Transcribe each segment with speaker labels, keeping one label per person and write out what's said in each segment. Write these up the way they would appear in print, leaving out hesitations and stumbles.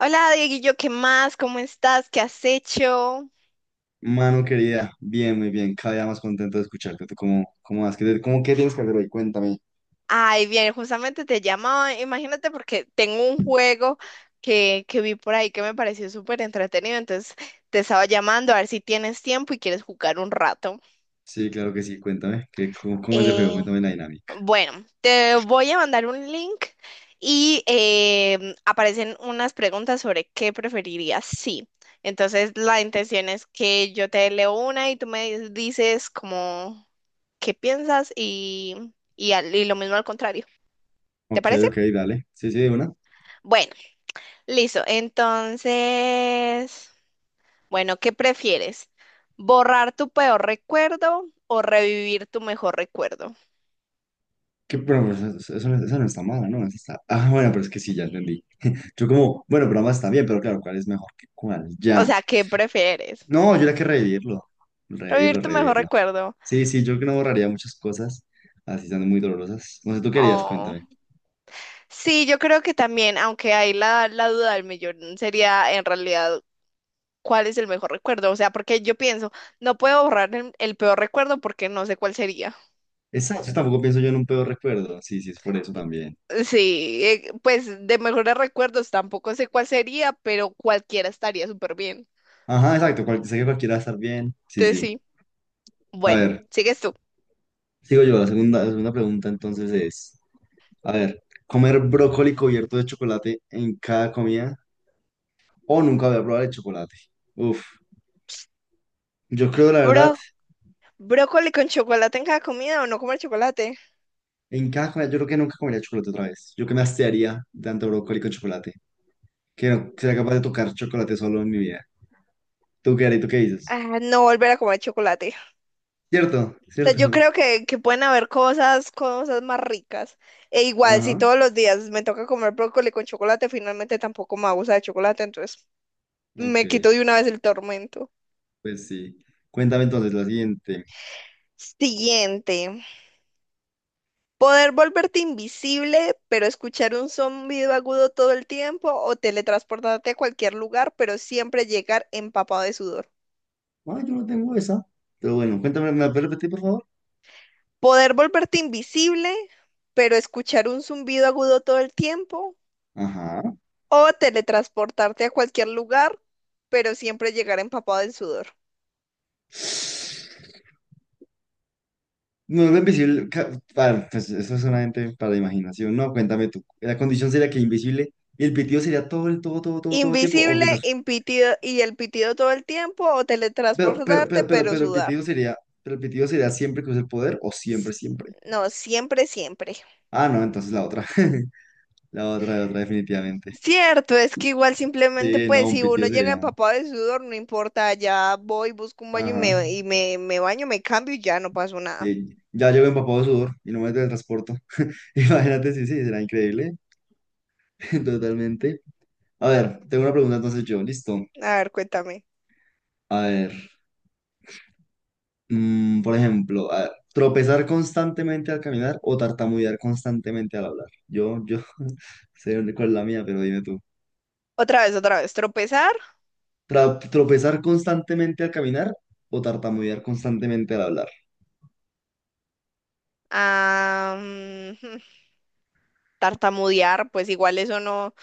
Speaker 1: Hola, Dieguillo, ¿qué más? ¿Cómo estás? ¿Qué has hecho?
Speaker 2: Mano querida, bien, muy bien, cada día más contento de escucharte. ¿Tú cómo vas? ¿ qué tienes que hacer hoy? Cuéntame.
Speaker 1: Ay, bien, justamente te llamaba, imagínate porque tengo un juego que vi por ahí que me pareció súper entretenido, entonces te estaba llamando a ver si tienes tiempo y quieres jugar un rato.
Speaker 2: Sí, claro que sí, cuéntame. ¿ cómo es el juego?
Speaker 1: Eh,
Speaker 2: Cuéntame la dinámica.
Speaker 1: Bueno, te voy a mandar un link y aparecen unas preguntas sobre qué preferirías. Sí. Entonces, la intención es que yo te leo una y tú me dices como qué piensas y lo mismo al contrario. ¿Te
Speaker 2: Ok,
Speaker 1: parece?
Speaker 2: ok, dale. Sí, sí, de una.
Speaker 1: Bueno, listo. Entonces, bueno, ¿qué prefieres? ¿Borrar tu peor recuerdo o revivir tu mejor recuerdo?
Speaker 2: Pero pues eso no está mala, ¿no? Eso está... Ah, bueno, pero es que sí, ya entendí. Yo como, bueno, pero más está bien, pero claro, ¿cuál es mejor que cuál?
Speaker 1: O
Speaker 2: Ya.
Speaker 1: sea, ¿qué prefieres?
Speaker 2: No, yo era que revivirlo.
Speaker 1: Revivir
Speaker 2: Revivirlo,
Speaker 1: tu mejor
Speaker 2: revivirlo.
Speaker 1: recuerdo.
Speaker 2: Sí, sí, yo que no borraría muchas cosas, así estando muy dolorosas. No sé, tú querías,
Speaker 1: Oh.
Speaker 2: cuéntame.
Speaker 1: Sí, yo creo que también, aunque hay la duda del millón, sería en realidad cuál es el mejor recuerdo. O sea, porque yo pienso, no puedo borrar el peor recuerdo porque no sé cuál sería.
Speaker 2: Exacto, tampoco pienso yo en un peor recuerdo. Sí, sí, es por eso también.
Speaker 1: Sí, pues de mejores recuerdos tampoco sé cuál sería, pero cualquiera estaría súper bien.
Speaker 2: Ajá, exacto. Sé que cualquiera va a estar bien. Sí,
Speaker 1: Entonces
Speaker 2: sí.
Speaker 1: sí.
Speaker 2: A
Speaker 1: Bueno,
Speaker 2: ver,
Speaker 1: sigues tú.
Speaker 2: sigo yo. La segunda pregunta entonces es, a ver, ¿comer brócoli cubierto de chocolate en cada comida o nunca voy a probar el chocolate? Uf, yo creo la verdad,
Speaker 1: Bro, ¿brócoli con chocolate en cada comida o no comer chocolate?
Speaker 2: en cada comida, yo creo que nunca comería chocolate otra vez. Yo que me hastiaría de tanto brócoli con chocolate, que no sería capaz de
Speaker 1: Ah,
Speaker 2: tocar chocolate solo en mi vida. ¿Tú qué harías? ¿Tú qué dices?
Speaker 1: no volver a comer chocolate.
Speaker 2: ¿Cierto?
Speaker 1: O sea, yo
Speaker 2: ¿Cierto?
Speaker 1: creo que pueden haber cosas, cosas más ricas. E igual, si
Speaker 2: Ajá,
Speaker 1: todos los días me toca comer brócoli con chocolate, finalmente tampoco me abusa de chocolate, entonces
Speaker 2: ok,
Speaker 1: me quito de una vez el tormento.
Speaker 2: pues sí. Cuéntame entonces la siguiente.
Speaker 1: Siguiente. Poder volverte invisible, pero escuchar un zumbido agudo todo el tiempo, o teletransportarte a cualquier lugar, pero siempre llegar empapado de sudor.
Speaker 2: Ah, yo no tengo esa. Pero bueno, cuéntame, ¿me la puedes repetir, por favor?
Speaker 1: Poder volverte invisible, pero escuchar un zumbido agudo todo el tiempo.
Speaker 2: Ajá.
Speaker 1: O teletransportarte a cualquier lugar, pero siempre llegar empapado en sudor.
Speaker 2: No, lo invisible. Para, pues eso es solamente para la imaginación. No, cuéntame tú. La condición sería que invisible y el pitido sería todo el, todo, todo, todo, todo el tiempo. O
Speaker 1: Invisible,
Speaker 2: mientras.
Speaker 1: impitido y el pitido todo el tiempo, o teletransportarte, pero
Speaker 2: Pero el
Speaker 1: sudar.
Speaker 2: pitido sería. Pero el pitido sería siempre que use el poder o siempre, siempre.
Speaker 1: No, siempre, siempre.
Speaker 2: Ah, no, entonces la otra. La otra, definitivamente.
Speaker 1: Cierto, es que igual simplemente,
Speaker 2: Sí, no,
Speaker 1: pues,
Speaker 2: un
Speaker 1: si uno
Speaker 2: pitido
Speaker 1: llega
Speaker 2: sería.
Speaker 1: empapado de sudor, no importa, ya voy, busco un baño
Speaker 2: Ajá.
Speaker 1: me baño, me cambio y ya no pasó nada.
Speaker 2: Sí. Ya llevo empapado de sudor y no me transporto. Imagínate, sí, sí, será increíble. Totalmente. A ver, tengo una pregunta entonces yo, listo.
Speaker 1: A ver, cuéntame.
Speaker 2: A ver, por ejemplo, a ver, tropezar constantemente al caminar o tartamudear constantemente al hablar. Sé cuál es la mía, pero dime tú.
Speaker 1: Otra vez, tropezar,
Speaker 2: Tropezar constantemente al caminar o tartamudear constantemente al hablar.
Speaker 1: ah, mm, tartamudear, pues igual eso no,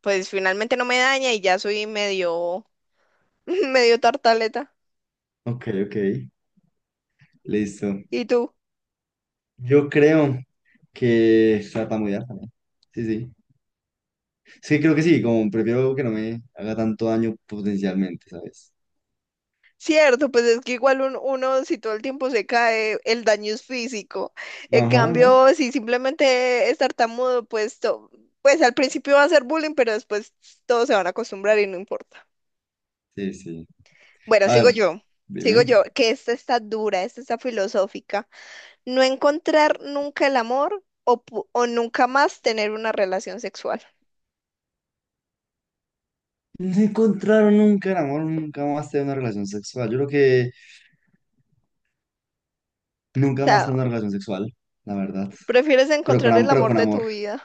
Speaker 1: pues finalmente no me daña y ya soy medio, medio tartaleta.
Speaker 2: Ok, ok, listo.
Speaker 1: ¿Y tú?
Speaker 2: Yo creo que tartamudear también. Sí, sí. Es creo que sí, como prefiero que no me haga tanto daño potencialmente, ¿sabes?
Speaker 1: Cierto, pues es que igual uno si todo el tiempo se cae, el daño es físico. En
Speaker 2: Ajá, ajá.
Speaker 1: cambio, si simplemente es tartamudo, pues al principio va a ser bullying, pero después todos se van a acostumbrar y no importa.
Speaker 2: Sí, sí.
Speaker 1: Bueno,
Speaker 2: A
Speaker 1: sigo
Speaker 2: ver,
Speaker 1: yo, sigo
Speaker 2: dime.
Speaker 1: yo, que esta está dura, esta está filosófica. No encontrar nunca el amor o nunca más tener una relación sexual.
Speaker 2: No encontraron nunca el amor, nunca más tener una relación sexual. Yo creo que
Speaker 1: O
Speaker 2: nunca más
Speaker 1: sea,
Speaker 2: tener una relación sexual, la verdad.
Speaker 1: prefieres
Speaker 2: Pero con,
Speaker 1: encontrar el
Speaker 2: pero
Speaker 1: amor
Speaker 2: con
Speaker 1: de
Speaker 2: amor.
Speaker 1: tu vida.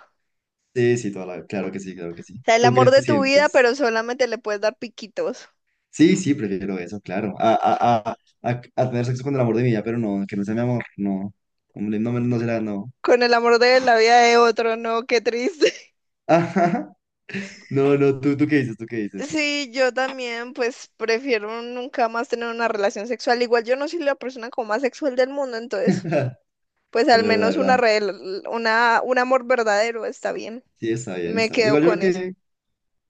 Speaker 2: Sí, sí, claro que sí, claro que sí.
Speaker 1: O sea, el
Speaker 2: ¿Tú
Speaker 1: amor
Speaker 2: qué
Speaker 1: de tu vida,
Speaker 2: sientes?
Speaker 1: pero solamente le puedes dar piquitos.
Speaker 2: Sí, sí, prefiero eso, claro. A tener sexo con el amor de mi vida, pero no, que no sea mi amor, no. Hombre, no, no será, no.
Speaker 1: Con el amor de la vida de otro, no, qué triste.
Speaker 2: Ajá. No, no, tú qué dices? ¿Tú qué dices?
Speaker 1: Sí, yo también, pues prefiero nunca más tener una relación sexual. Igual yo no soy la persona como más sexual del mundo, entonces, pues
Speaker 2: Es
Speaker 1: al
Speaker 2: verdad, es
Speaker 1: menos
Speaker 2: verdad.
Speaker 1: un amor verdadero está bien.
Speaker 2: Sí, está bien,
Speaker 1: Me
Speaker 2: está bien.
Speaker 1: quedo
Speaker 2: Igual yo
Speaker 1: con
Speaker 2: creo
Speaker 1: eso.
Speaker 2: que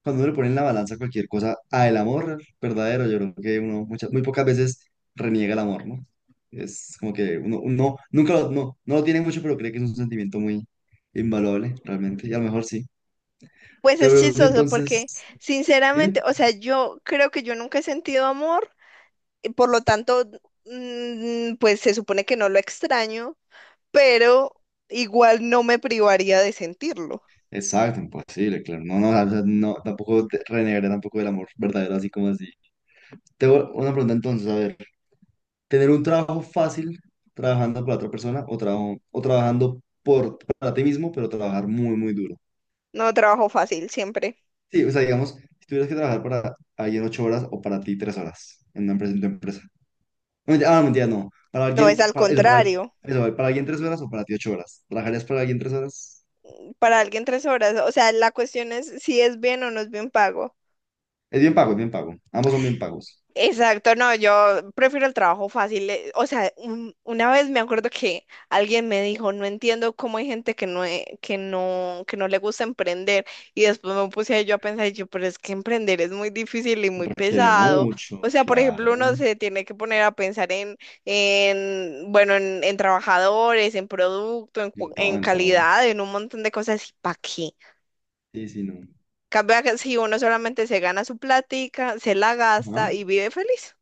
Speaker 2: cuando uno le pone en la balanza cualquier cosa al amor verdadero, yo creo que uno muchas, muy pocas veces reniega el amor, ¿no? Es como que uno, uno nunca lo, no, no lo tiene mucho, pero cree que es un sentimiento muy invaluable, realmente, y a lo mejor sí.
Speaker 1: Pues
Speaker 2: Te
Speaker 1: es
Speaker 2: pregunto
Speaker 1: chistoso porque,
Speaker 2: entonces, dime.
Speaker 1: sinceramente, o sea, yo creo que yo nunca he sentido amor. Y por lo tanto, pues se supone que no lo extraño, pero igual no me privaría de sentirlo.
Speaker 2: Exacto, imposible, claro. No, no, o sea, no, tampoco renegaré tampoco del amor verdadero, así como así. Tengo una pregunta entonces, a ver, ¿tener un trabajo fácil trabajando para otra persona o o trabajando para ti mismo, pero trabajar muy, muy duro?
Speaker 1: No, trabajo fácil siempre.
Speaker 2: Sí, o sea, digamos, si tuvieras que trabajar para alguien ocho horas o para ti tres horas en una empresa, en tu empresa. No, mentira, ah, mentira, no. Para
Speaker 1: No, es
Speaker 2: alguien,
Speaker 1: al
Speaker 2: para eso, para,
Speaker 1: contrario.
Speaker 2: eso, para alguien tres horas o para ti ocho horas. ¿Trabajarías para alguien tres horas?
Speaker 1: Para alguien tres horas, o sea, la cuestión es si es bien o no es bien pago.
Speaker 2: Es bien pago, es bien pago. Ambos son bien pagos.
Speaker 1: Exacto, no, yo prefiero el trabajo fácil. O sea, una vez me acuerdo que alguien me dijo, no entiendo cómo hay gente que no, e- que no le gusta emprender. Y después me puse yo a pensar, y yo, pero es que emprender es muy difícil y muy
Speaker 2: Requiere
Speaker 1: pesado.
Speaker 2: mucho,
Speaker 1: O sea, por ejemplo,
Speaker 2: claro.
Speaker 1: uno se tiene que poner a pensar en trabajadores, en producto,
Speaker 2: En todo,
Speaker 1: en
Speaker 2: en todo.
Speaker 1: calidad, en un montón de cosas. ¿Y para qué?
Speaker 2: Sí, sí, no.
Speaker 1: Cambia que si uno solamente se gana su plática, se la
Speaker 2: Ajá.
Speaker 1: gasta y vive feliz.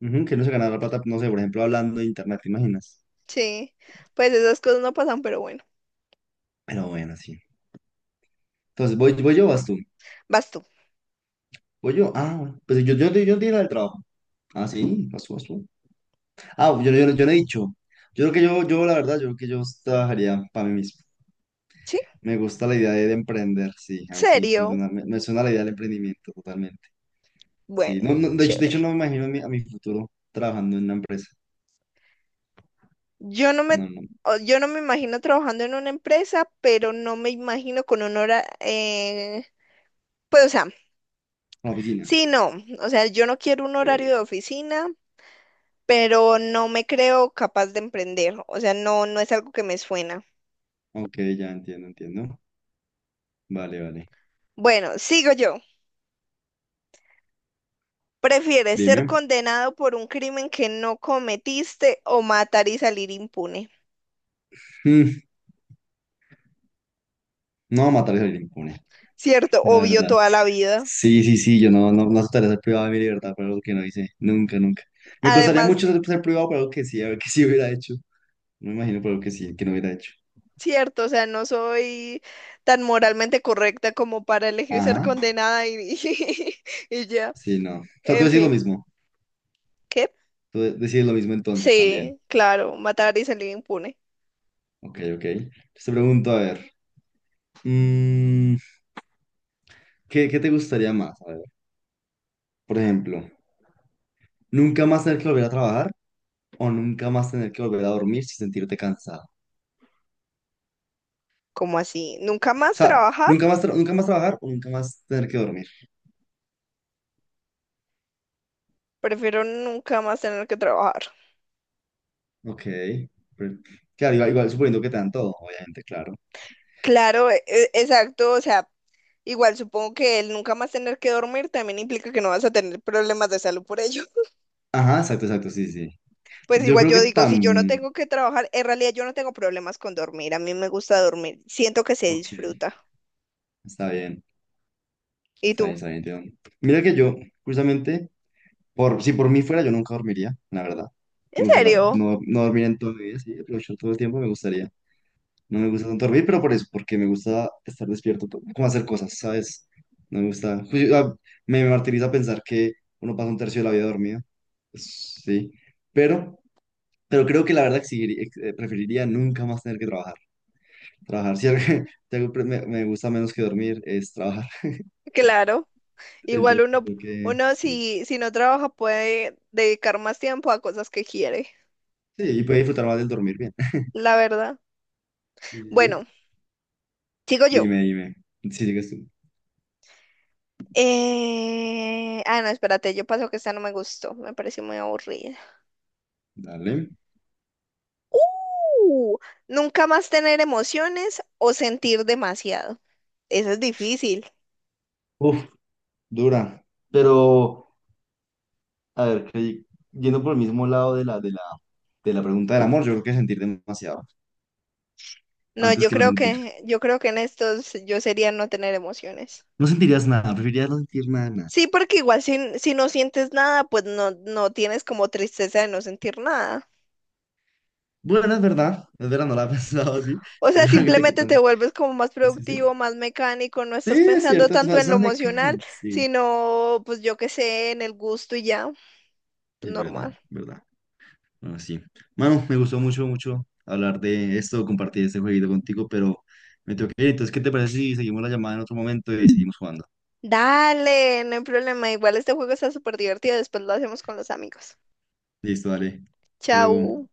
Speaker 2: Ujú, que no se gana la plata, no sé, por ejemplo, hablando de internet, ¿te imaginas?
Speaker 1: Sí, pues esas cosas no pasan, pero bueno,
Speaker 2: Pero bueno, sí. Entonces, ¿voy, voy yo o vas tú?
Speaker 1: vas tú,
Speaker 2: ¿Voy yo? Ah, bueno. Pues yo di la del trabajo. Ah, sí, vas tú. Ah, yo no he dicho. Yo creo que la verdad, yo creo que yo trabajaría para mí mismo.
Speaker 1: ¿sí?
Speaker 2: Me gusta la idea de emprender, sí, a mí sí, me
Speaker 1: ¿Serio?
Speaker 2: suena, me suena la idea del emprendimiento totalmente. Sí,
Speaker 1: Bueno,
Speaker 2: no, no, de
Speaker 1: chévere.
Speaker 2: hecho no me imagino a a mi futuro trabajando en una empresa,
Speaker 1: Yo no me,
Speaker 2: no, no,
Speaker 1: yo no me imagino trabajando en una empresa, pero no me imagino con un hora, pues o sea,
Speaker 2: una oficina.
Speaker 1: sí, no, o sea, yo no quiero un horario
Speaker 2: Ok,
Speaker 1: de oficina, pero no me creo capaz de emprender, o sea, no, no es algo que me suena.
Speaker 2: ok, ya entiendo, entiendo. Vale, vale.
Speaker 1: Bueno, sigo yo. ¿Prefieres ser
Speaker 2: Dime.
Speaker 1: condenado por un crimen que no cometiste o matar y salir impune?
Speaker 2: Mm, no, matar es salir impune,
Speaker 1: Cierto,
Speaker 2: la
Speaker 1: obvio
Speaker 2: verdad.
Speaker 1: toda la vida.
Speaker 2: Sí, sí, sí, yo no, no, no aceptaría ser privado de mi libertad por algo que no hice, nunca, nunca. Me costaría
Speaker 1: Además,
Speaker 2: mucho ser privado por algo que sí, a ver que sí hubiera hecho. No Me imagino, pero que sí, que no hubiera hecho.
Speaker 1: cierto, o sea, no soy tan moralmente correcta como para elegir ser
Speaker 2: Ajá,
Speaker 1: condenada y, y ya.
Speaker 2: sí, no. O sea, tú
Speaker 1: En
Speaker 2: decís lo
Speaker 1: fin,
Speaker 2: mismo.
Speaker 1: ¿qué?
Speaker 2: Tú decís lo mismo entonces también.
Speaker 1: Sí, claro, matar y salir impune.
Speaker 2: Ok, ok. Entonces te pregunto, a ver, mm, qué te gustaría más? A ver, por ejemplo, ¿nunca más tener que volver a trabajar o nunca más tener que volver a dormir sin sentirte cansado?
Speaker 1: ¿Cómo así? ¿Nunca
Speaker 2: O
Speaker 1: más
Speaker 2: sea,
Speaker 1: trabajar?
Speaker 2: nunca más trabajar o nunca más tener que dormir?
Speaker 1: Prefiero nunca más tener que trabajar.
Speaker 2: Ok. pero- claro, igual, igual suponiendo que te dan todo, obviamente, claro.
Speaker 1: Claro, exacto, o sea, igual supongo que el nunca más tener que dormir también implica que no vas a tener problemas de salud por ello.
Speaker 2: Ajá, exacto, exacto, sí, sí.
Speaker 1: Pues
Speaker 2: Yo
Speaker 1: igual
Speaker 2: creo
Speaker 1: yo
Speaker 2: que
Speaker 1: digo, si yo no
Speaker 2: tan...
Speaker 1: tengo que trabajar, en realidad yo no tengo problemas con dormir, a mí me gusta dormir, siento que se
Speaker 2: Ok,
Speaker 1: disfruta.
Speaker 2: está bien.
Speaker 1: ¿Y
Speaker 2: Está bien,
Speaker 1: tú?
Speaker 2: está bien, entiendo. Mira que yo, justamente, por, si por mí fuera, yo nunca dormiría, la verdad.
Speaker 1: ¿En
Speaker 2: Me gustaría
Speaker 1: serio?
Speaker 2: no dormir en todo mi vida, sí, aprovechar todo el tiempo, me gustaría. No me gusta tanto dormir, pero por eso, porque me gusta estar despierto, como hacer cosas, ¿sabes? No me gusta. Me martiriza pensar que uno pasa un tercio de la vida dormido, pues, sí. Pero, pero creo que la verdad preferiría nunca más tener que trabajar. Trabajar, si algo, si algo me gusta menos que dormir es trabajar.
Speaker 1: Claro. Igual
Speaker 2: Entonces,
Speaker 1: uno,
Speaker 2: creo que
Speaker 1: uno
Speaker 2: sí.
Speaker 1: si no trabaja puede dedicar más tiempo a cosas que quiere,
Speaker 2: Sí, y puede disfrutar más del dormir bien.
Speaker 1: la verdad.
Speaker 2: Sí, sí,
Speaker 1: Bueno,
Speaker 2: sí.
Speaker 1: sigo yo.
Speaker 2: Dime, dime. Si sigues tú.
Speaker 1: No, espérate, yo paso que esta no me gustó, me pareció muy aburrida.
Speaker 2: Dale.
Speaker 1: ¡Uh! Nunca más tener emociones o sentir demasiado. Eso es difícil.
Speaker 2: Uf, dura. Pero, a ver, yendo por el mismo lado de la pregunta del amor, yo creo que sentir demasiado
Speaker 1: No,
Speaker 2: antes que no sentir.
Speaker 1: yo creo que en estos yo sería no tener emociones.
Speaker 2: No sentirías nada, preferirías no sentir nada, nada.
Speaker 1: Sí, porque igual si no sientes nada, pues no, no tienes como tristeza de no sentir nada.
Speaker 2: Bueno, es verdad, no la he pensado así,
Speaker 1: O sea,
Speaker 2: pero que te
Speaker 1: simplemente te
Speaker 2: quitan.
Speaker 1: vuelves como más
Speaker 2: Sí, sí, sí.
Speaker 1: productivo, más mecánico, no
Speaker 2: Sí,
Speaker 1: estás
Speaker 2: es
Speaker 1: pensando
Speaker 2: cierto,
Speaker 1: tanto
Speaker 2: es
Speaker 1: en lo
Speaker 2: más
Speaker 1: emocional,
Speaker 2: mecánico, sí,
Speaker 1: sino pues yo qué sé, en el gusto y ya, pues,
Speaker 2: es
Speaker 1: normal.
Speaker 2: verdad, verdad. Ah, sí. Mano, me gustó mucho, mucho hablar de esto, compartir este jueguito contigo, pero me tengo que ir. Entonces, ¿qué te parece si seguimos la llamada en otro momento y seguimos jugando?
Speaker 1: Dale, no hay problema, igual este juego está súper divertido, después lo hacemos con los amigos.
Speaker 2: Listo, dale. Hasta luego.
Speaker 1: Chau.